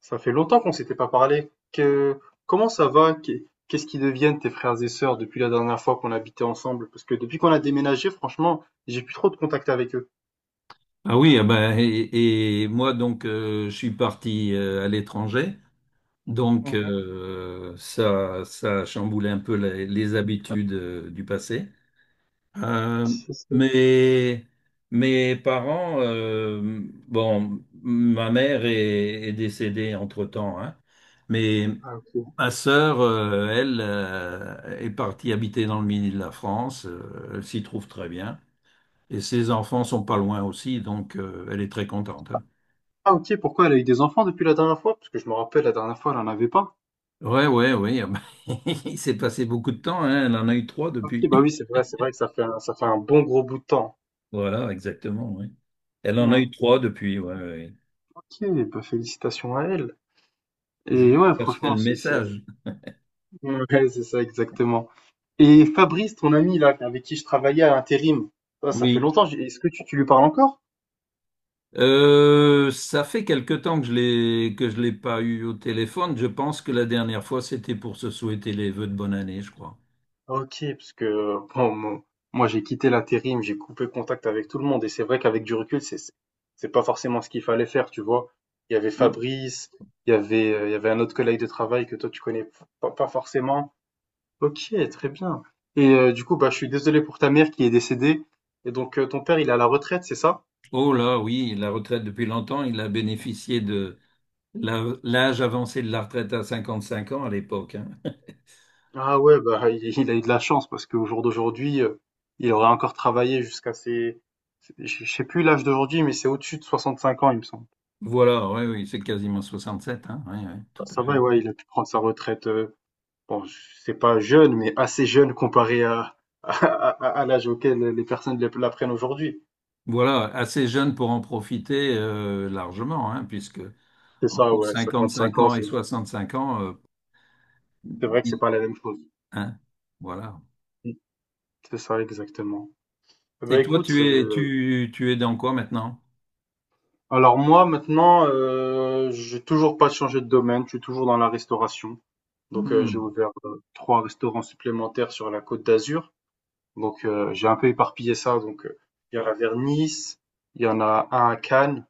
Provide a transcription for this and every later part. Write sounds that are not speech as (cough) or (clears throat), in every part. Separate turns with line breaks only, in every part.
Ça fait longtemps qu'on s'était pas parlé. Comment ça va? Qu'est-ce qui deviennent tes frères et sœurs depuis la dernière fois qu'on habitait ensemble? Parce que depuis qu'on a déménagé, franchement, j'ai plus trop de contact avec eux.
Ah oui, ah bah, et moi donc je suis parti à l'étranger, donc
Mhm.
ça a chamboulé un peu les habitudes du passé. Euh,
C'est ça.
mais mes parents, bon, ma mère est décédée entre-temps, hein, mais
Ah ok.
ma sœur, elle, est partie habiter dans le midi de la France, elle s'y trouve très bien. Et ses enfants sont pas loin aussi, donc elle est très contente, hein.
Ah ok, pourquoi elle a eu des enfants depuis la dernière fois? Parce que je me rappelle, la dernière fois, elle en avait pas.
Ouais, ouais, oui, ah bah, (laughs) il s'est passé beaucoup de temps, hein. Elle en a eu trois
Ok,
depuis.
bah oui, c'est vrai que ça fait un bon gros bout de temps.
Voilà, exactement, oui. Elle en a
Hmm.
eu trois depuis, ouais, ouais, ouais.
Ok, bah félicitations à elle.
Je
Et
lui
ouais,
passerai
franchement,
le message.
(laughs) ouais, c'est ça exactement. Et Fabrice, ton ami là, avec qui je travaillais à l'intérim, ça fait
Oui.
longtemps. Est-ce que tu lui parles encore?
Ça fait quelque temps que je l'ai pas eu au téléphone. Je pense que la dernière fois, c'était pour se souhaiter les vœux de bonne année, je crois.
Ok, parce que bon, moi j'ai quitté l'intérim, j'ai coupé contact avec tout le monde, et c'est vrai qu'avec du recul, c'est pas forcément ce qu'il fallait faire, tu vois. Il y avait
Oui.
Fabrice, il y avait un autre collègue de travail que toi tu connais pas forcément. Ok, très bien. Et du coup, bah je suis désolé pour ta mère qui est décédée. Et donc ton père, il est à la retraite, c'est ça?
Oh là, oui, la retraite depuis longtemps, il a bénéficié de l'âge avancé de la retraite à 55 ans à l'époque, hein.
Ah ouais, bah, il a eu de la chance parce qu'au jour d'aujourd'hui, il aurait encore travaillé jusqu'à ses je sais plus l'âge d'aujourd'hui, mais c'est au-dessus de 65 ans, il me semble.
Voilà, oui, oui, c'est quasiment 67, hein, oui, oui,
Bah,
tout à
ça va,
fait.
ouais, ouais, il a pu prendre sa retraite, bon, c'est pas jeune, mais assez jeune comparé à (laughs) à à l'âge auquel les personnes la prennent aujourd'hui.
Voilà, assez jeune pour en profiter largement, hein, puisque
C'est ça,
entre
ouais, 55
55
ans,
ans et 65 ans,
c'est vrai que c'est
il-
pas la même chose.
hein, voilà.
Mmh. C'est ça, exactement. Eh ben
Et toi,
écoute,
tu es, tu es dans quoi maintenant?
alors moi maintenant, j'ai toujours pas changé de domaine, je suis toujours dans la restauration. Donc, j'ai
Hmm,
ouvert trois restaurants supplémentaires sur la Côte d'Azur. Donc, j'ai un peu éparpillé ça. Donc, il y en a vers Nice, il y en a un à Cannes,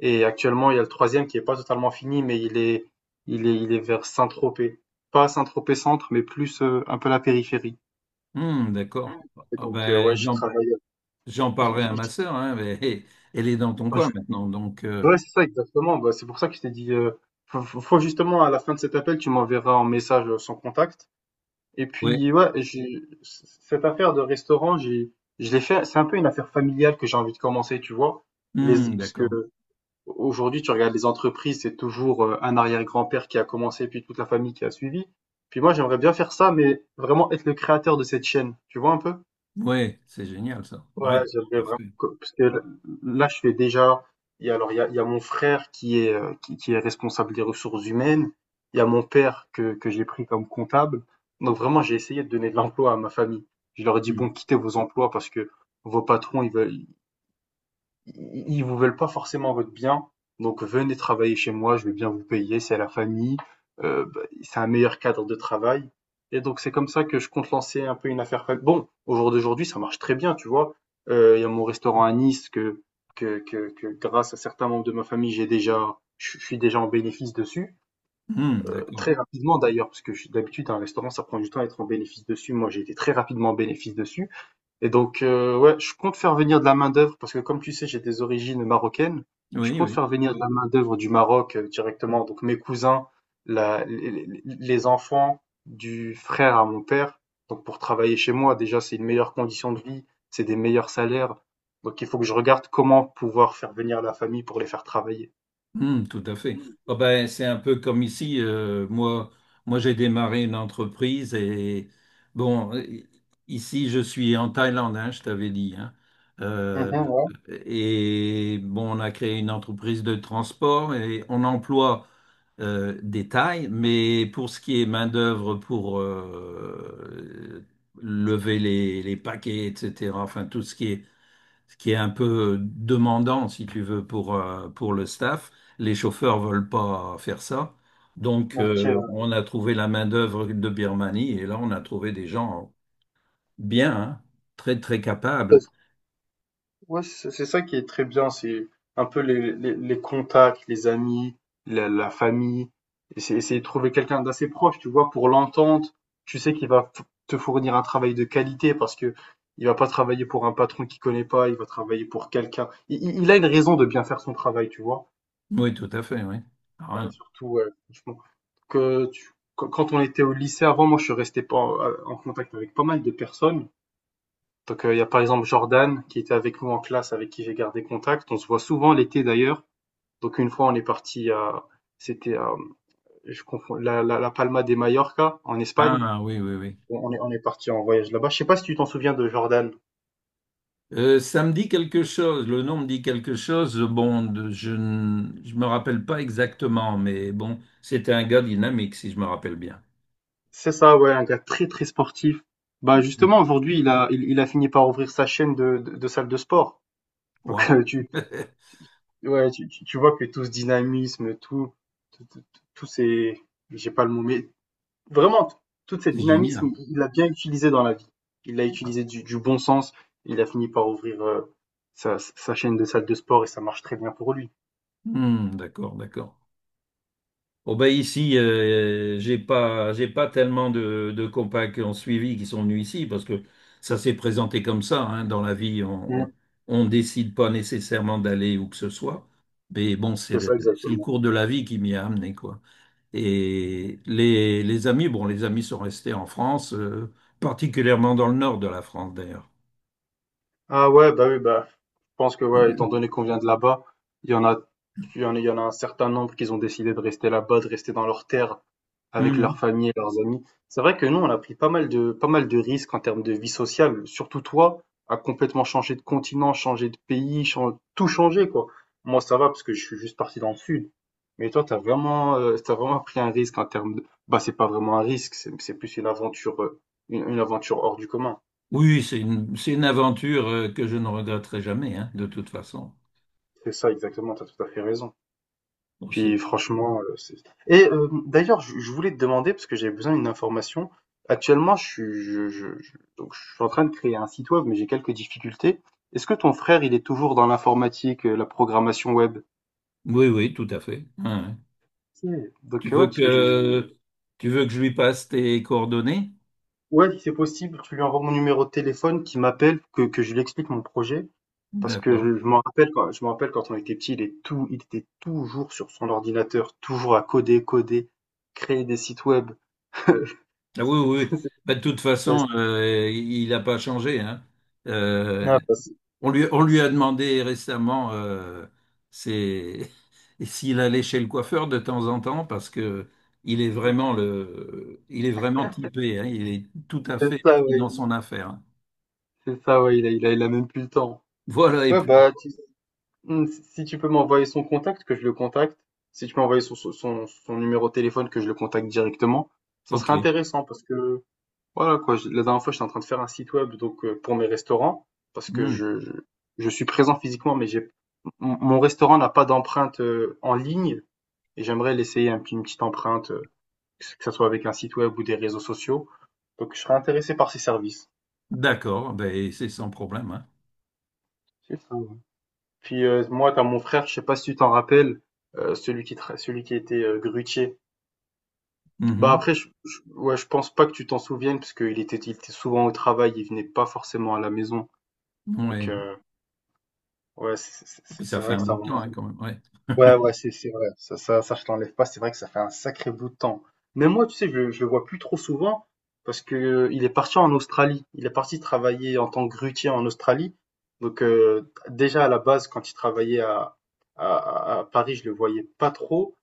et actuellement, il y a le troisième qui est pas totalement fini, mais il est vers Saint-Tropez. Pas Saint-Tropez centre, mais plus un peu la périphérie.
hmm, d'accord.
Et
Ah
donc, ouais,
ben,
j'y travaille.
j'en
j'y-
parlerai à ma
j'y-
sœur, hein, mais (laughs) elle est dans ton coin maintenant, donc
Ouais, c'est ça, exactement. Bah, c'est pour ça que je t'ai dit, faut justement, à la fin de cet appel, tu m'enverras un message sans contact. Et
oui,
puis, ouais, j'ai cette affaire de restaurant, je l'ai fait. C'est un peu une affaire familiale que j'ai envie de commencer, tu vois. Les, parce que
d'accord.
aujourd'hui, tu regardes les entreprises, c'est toujours un arrière-grand-père qui a commencé, puis toute la famille qui a suivi. Puis moi, j'aimerais bien faire ça, mais vraiment être le créateur de cette chaîne. Tu vois un peu?
Oui, c'est génial ça, ouais,
Ouais, j'aimerais
tout à
vraiment
fait.
parce que là, je fais déjà. Il y a mon frère qui est, qui est responsable des ressources humaines. Il y a mon père que j'ai pris comme comptable. Donc, vraiment, j'ai essayé de donner de l'emploi à ma famille. Je leur ai dit,
Hmm,
bon, quittez vos emplois parce que vos patrons, ils vous veulent pas forcément votre bien. Donc venez travailler chez moi, je vais bien vous payer, c'est la famille, bah, c'est un meilleur cadre de travail. Et donc c'est comme ça que je compte lancer un peu une affaire. Bon, au jour d'aujourd'hui, ça marche très bien, tu vois. Il y a mon restaurant à Nice que grâce à certains membres de ma famille, je suis déjà en bénéfice dessus.
hmm, d'accord.
Très rapidement d'ailleurs, parce que d'habitude, un restaurant, ça prend du temps à être en bénéfice dessus. Moi, j'ai été très rapidement en bénéfice dessus. Et donc, ouais, je compte faire venir de la main-d'œuvre parce que, comme tu sais, j'ai des origines marocaines. Je
Oui,
compte
oui.
faire venir de la main-d'œuvre du Maroc directement. Donc, mes cousins, les enfants du frère à mon père. Donc, pour travailler chez moi, déjà, c'est une meilleure condition de vie, c'est des meilleurs salaires. Donc, il faut que je regarde comment pouvoir faire venir la famille pour les faire travailler.
Hmm, tout à fait. Ah ben, c'est un peu comme ici. Moi j'ai démarré une entreprise et bon, ici je suis en Thaïlande, hein, je t'avais dit, hein. Euh,
Mhm, ouais.
et bon, on a créé une entreprise de transport et on emploie des Thaïs, mais pour ce qui est main-d'œuvre pour lever les paquets, etc., enfin tout ce qui est un peu demandant, si tu veux, pour le staff. Les chauffeurs veulent pas faire ça. Donc,
Ok.
on a trouvé la main-d'œuvre de Birmanie et là, on a trouvé des gens bien, hein, très, très capables.
Ouais, c'est ça qui est très bien, c'est un peu les contacts, les amis, la famille. Et c'est essayer de trouver quelqu'un d'assez proche, tu vois, pour l'entente. Tu sais qu'il te fournir un travail de qualité parce que il va pas travailler pour un patron qu'il connaît pas, il va travailler pour quelqu'un. Il a une raison de bien faire son travail, tu vois.
Oui, tout à fait, oui.
Voilà,
Ah,
surtout, ouais, franchement, quand on était au lycée avant, moi, je suis resté pas en contact avec pas mal de personnes. Donc il y a par exemple Jordan qui était avec nous en classe, avec qui j'ai gardé contact. On se voit souvent l'été d'ailleurs. Donc une fois on est parti à, c'était à, je confonds, la Palma de Mallorca en Espagne.
ah, oui, oui, oui.
On est parti en voyage là-bas. Je sais pas si tu t'en souviens de Jordan.
Ça me dit quelque chose, le nom me dit quelque chose. Bon, je me rappelle pas exactement, mais bon, c'était un gars dynamique, si je me rappelle bien.
C'est ça, ouais, un gars très très sportif. Bah justement aujourd'hui il a fini par ouvrir sa chaîne de salle de sport. Donc
Waouh,
ouais, tu vois que tout ce dynamisme, tous ces, j'ai pas le mot, mais vraiment, toute
(laughs)
cette
c'est
dynamisme,
génial.
il l'a bien utilisé dans la vie. Il l'a
Ah,
utilisé du bon sens. Il a fini par ouvrir sa chaîne de salle de sport et ça marche très bien pour lui.
hmm, d'accord, d'accord. Oh ben ici, j'ai pas tellement de compas qui ont suivi, qui sont venus ici, parce que ça s'est présenté comme ça, hein, dans la vie,
Mm.
on décide pas nécessairement d'aller où que ce soit, mais bon,
C'est ça,
c'est le
exactement.
cours de la vie qui m'y a amené, quoi. Et les amis, bon, les amis sont restés en France, particulièrement dans le nord de la France, d'ailleurs.
Ah ouais, bah oui, bah, je pense que, ouais, étant
(clears throat)
donné qu'on vient de là-bas, il y en a, il y en a un certain nombre qui ont décidé de rester là-bas, de rester dans leur terre, avec leurs
Mhm.
familles et leurs amis. C'est vrai que nous, on a pris pas mal de, pas mal de risques en termes de vie sociale. Surtout toi, à complètement changer de continent, changer de pays, tout changer, quoi. Moi, ça va parce que je suis juste parti dans le sud. Mais toi, t'as vraiment pris un risque en termes de, bah, c'est pas vraiment un risque, c'est plus une aventure, une aventure hors du commun.
Oui, c'est une aventure que je ne regretterai jamais, hein, de toute façon.
C'est ça, exactement, t'as tout à fait raison.
Bon,
Puis franchement, c'est et d'ailleurs, je voulais te demander, parce que j'avais besoin d'une information. Actuellement, je suis je donc je suis en train de créer un site web, mais j'ai quelques difficultés. Est-ce que ton frère, il est toujours dans l'informatique, la programmation web?
oui, oui, tout à fait. Ouais, ouais.
OK,
Tu
donc ouais,
veux
parce que je
que tu veux que je lui passe tes coordonnées?
ouais, si c'est possible, tu lui envoies mon numéro de téléphone, qu'il m'appelle, que je lui explique mon projet, parce que
D'accord.
je me rappelle quand on était petits, il est tout il était toujours sur son ordinateur, toujours à coder, coder, créer des sites web. (laughs)
Ah oui,
C'était
oui, oui.
c'était
Bah, de toute
ouais,
façon, il n'a pas changé, hein. Euh,
Ah, bah,
on lui
c'est-
a demandé récemment c'est- (laughs) s'il allait chez le coiffeur de temps en temps parce que
Mhm.
il est vraiment typé, hein. Il est tout à
c'est
fait
ça,
pris
ouais.
dans son affaire.
C'est ça, ouais. Il a même plus le temps.
Voilà, et
Ouais,
puis,
bah, hmm, si tu peux m'envoyer son contact, que je le contacte. Si tu peux m'envoyer son numéro de téléphone, que je le contacte directement. Ça serait
ok.
intéressant parce que, voilà, quoi. La dernière fois, j'étais en train de faire un site web, donc, pour mes restaurants. Parce que
Hmm.
je suis présent physiquement, mon restaurant n'a pas d'empreinte, en ligne. Et j'aimerais l'essayer une petite empreinte, que ce soit avec un site web ou des réseaux sociaux. Donc, je serais intéressé par ces services.
D'accord, ben, c'est sans problème, hein.
C'est ça, ouais. Puis, moi, t'as mon frère, je sais pas si tu t'en rappelles, celui qui tra celui qui était, grutier. Bah, après, je ouais, je pense pas que tu t'en souviennes parce qu'il était souvent au travail, il venait pas forcément à la maison.
Mhm.
Donc,
Ouais.
ouais,
Puis ça
c'est
fait
vrai que
un bout
ça
de
remonte
temps, hein, quand même, ouais. (laughs)
Ouais, ouais, c'est vrai. Ça, je t'enlève pas. C'est vrai que ça fait un sacré bout de temps. Mais moi, tu sais, je le vois plus trop souvent parce que il est parti en Australie. Il est parti travailler en tant que grutier en Australie. Donc, déjà à la base, quand il travaillait à Paris, je le voyais pas trop.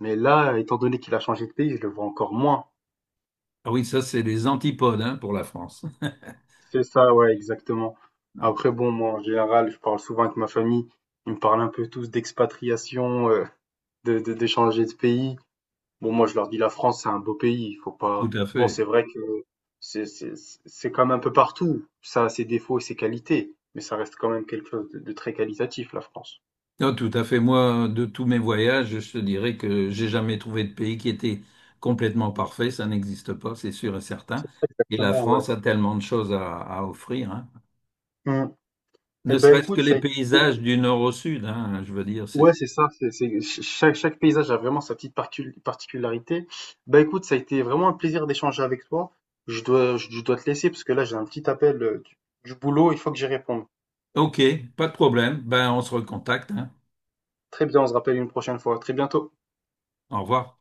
Mais là, étant donné qu'il a changé de pays, je le vois encore moins.
Ah oui, ça, c'est les antipodes, hein, pour la France.
C'est ça, ouais, exactement.
(laughs)
Après, bon, moi, en général, je parle souvent avec ma famille. Ils me parlent un peu tous d'expatriation, de changer de pays. Bon, moi, je leur dis la France, c'est un beau pays. Il faut
Tout
pas.
à
Bon,
fait.
c'est vrai que c'est c'est- c'est comme un peu partout. Ça a ses défauts et ses qualités, mais ça reste quand même quelque chose de très qualitatif, la France.
Non, tout à fait. Moi, de tous mes voyages, je te dirais que j'ai jamais trouvé de pays qui était complètement parfait. Ça n'existe pas, c'est sûr et certain.
C'est ça,
Et la
exactement, ouais.
France a tellement de choses à offrir, hein.
Mm. Eh
Ne
ben,
serait-ce que
écoute,
les paysages du nord au sud, hein, je veux dire,
Ouais,
c'est...
c'est ça. Chaque, chaque paysage a vraiment sa petite particularité. Ben écoute, ça a été vraiment un plaisir d'échanger avec toi. Je dois te laisser parce que là, j'ai un petit appel du boulot. Il faut que j'y réponde.
Ok, pas de problème. Ben, on se recontacte, hein.
Très bien, on se rappelle une prochaine fois. À Très bientôt.
Au revoir.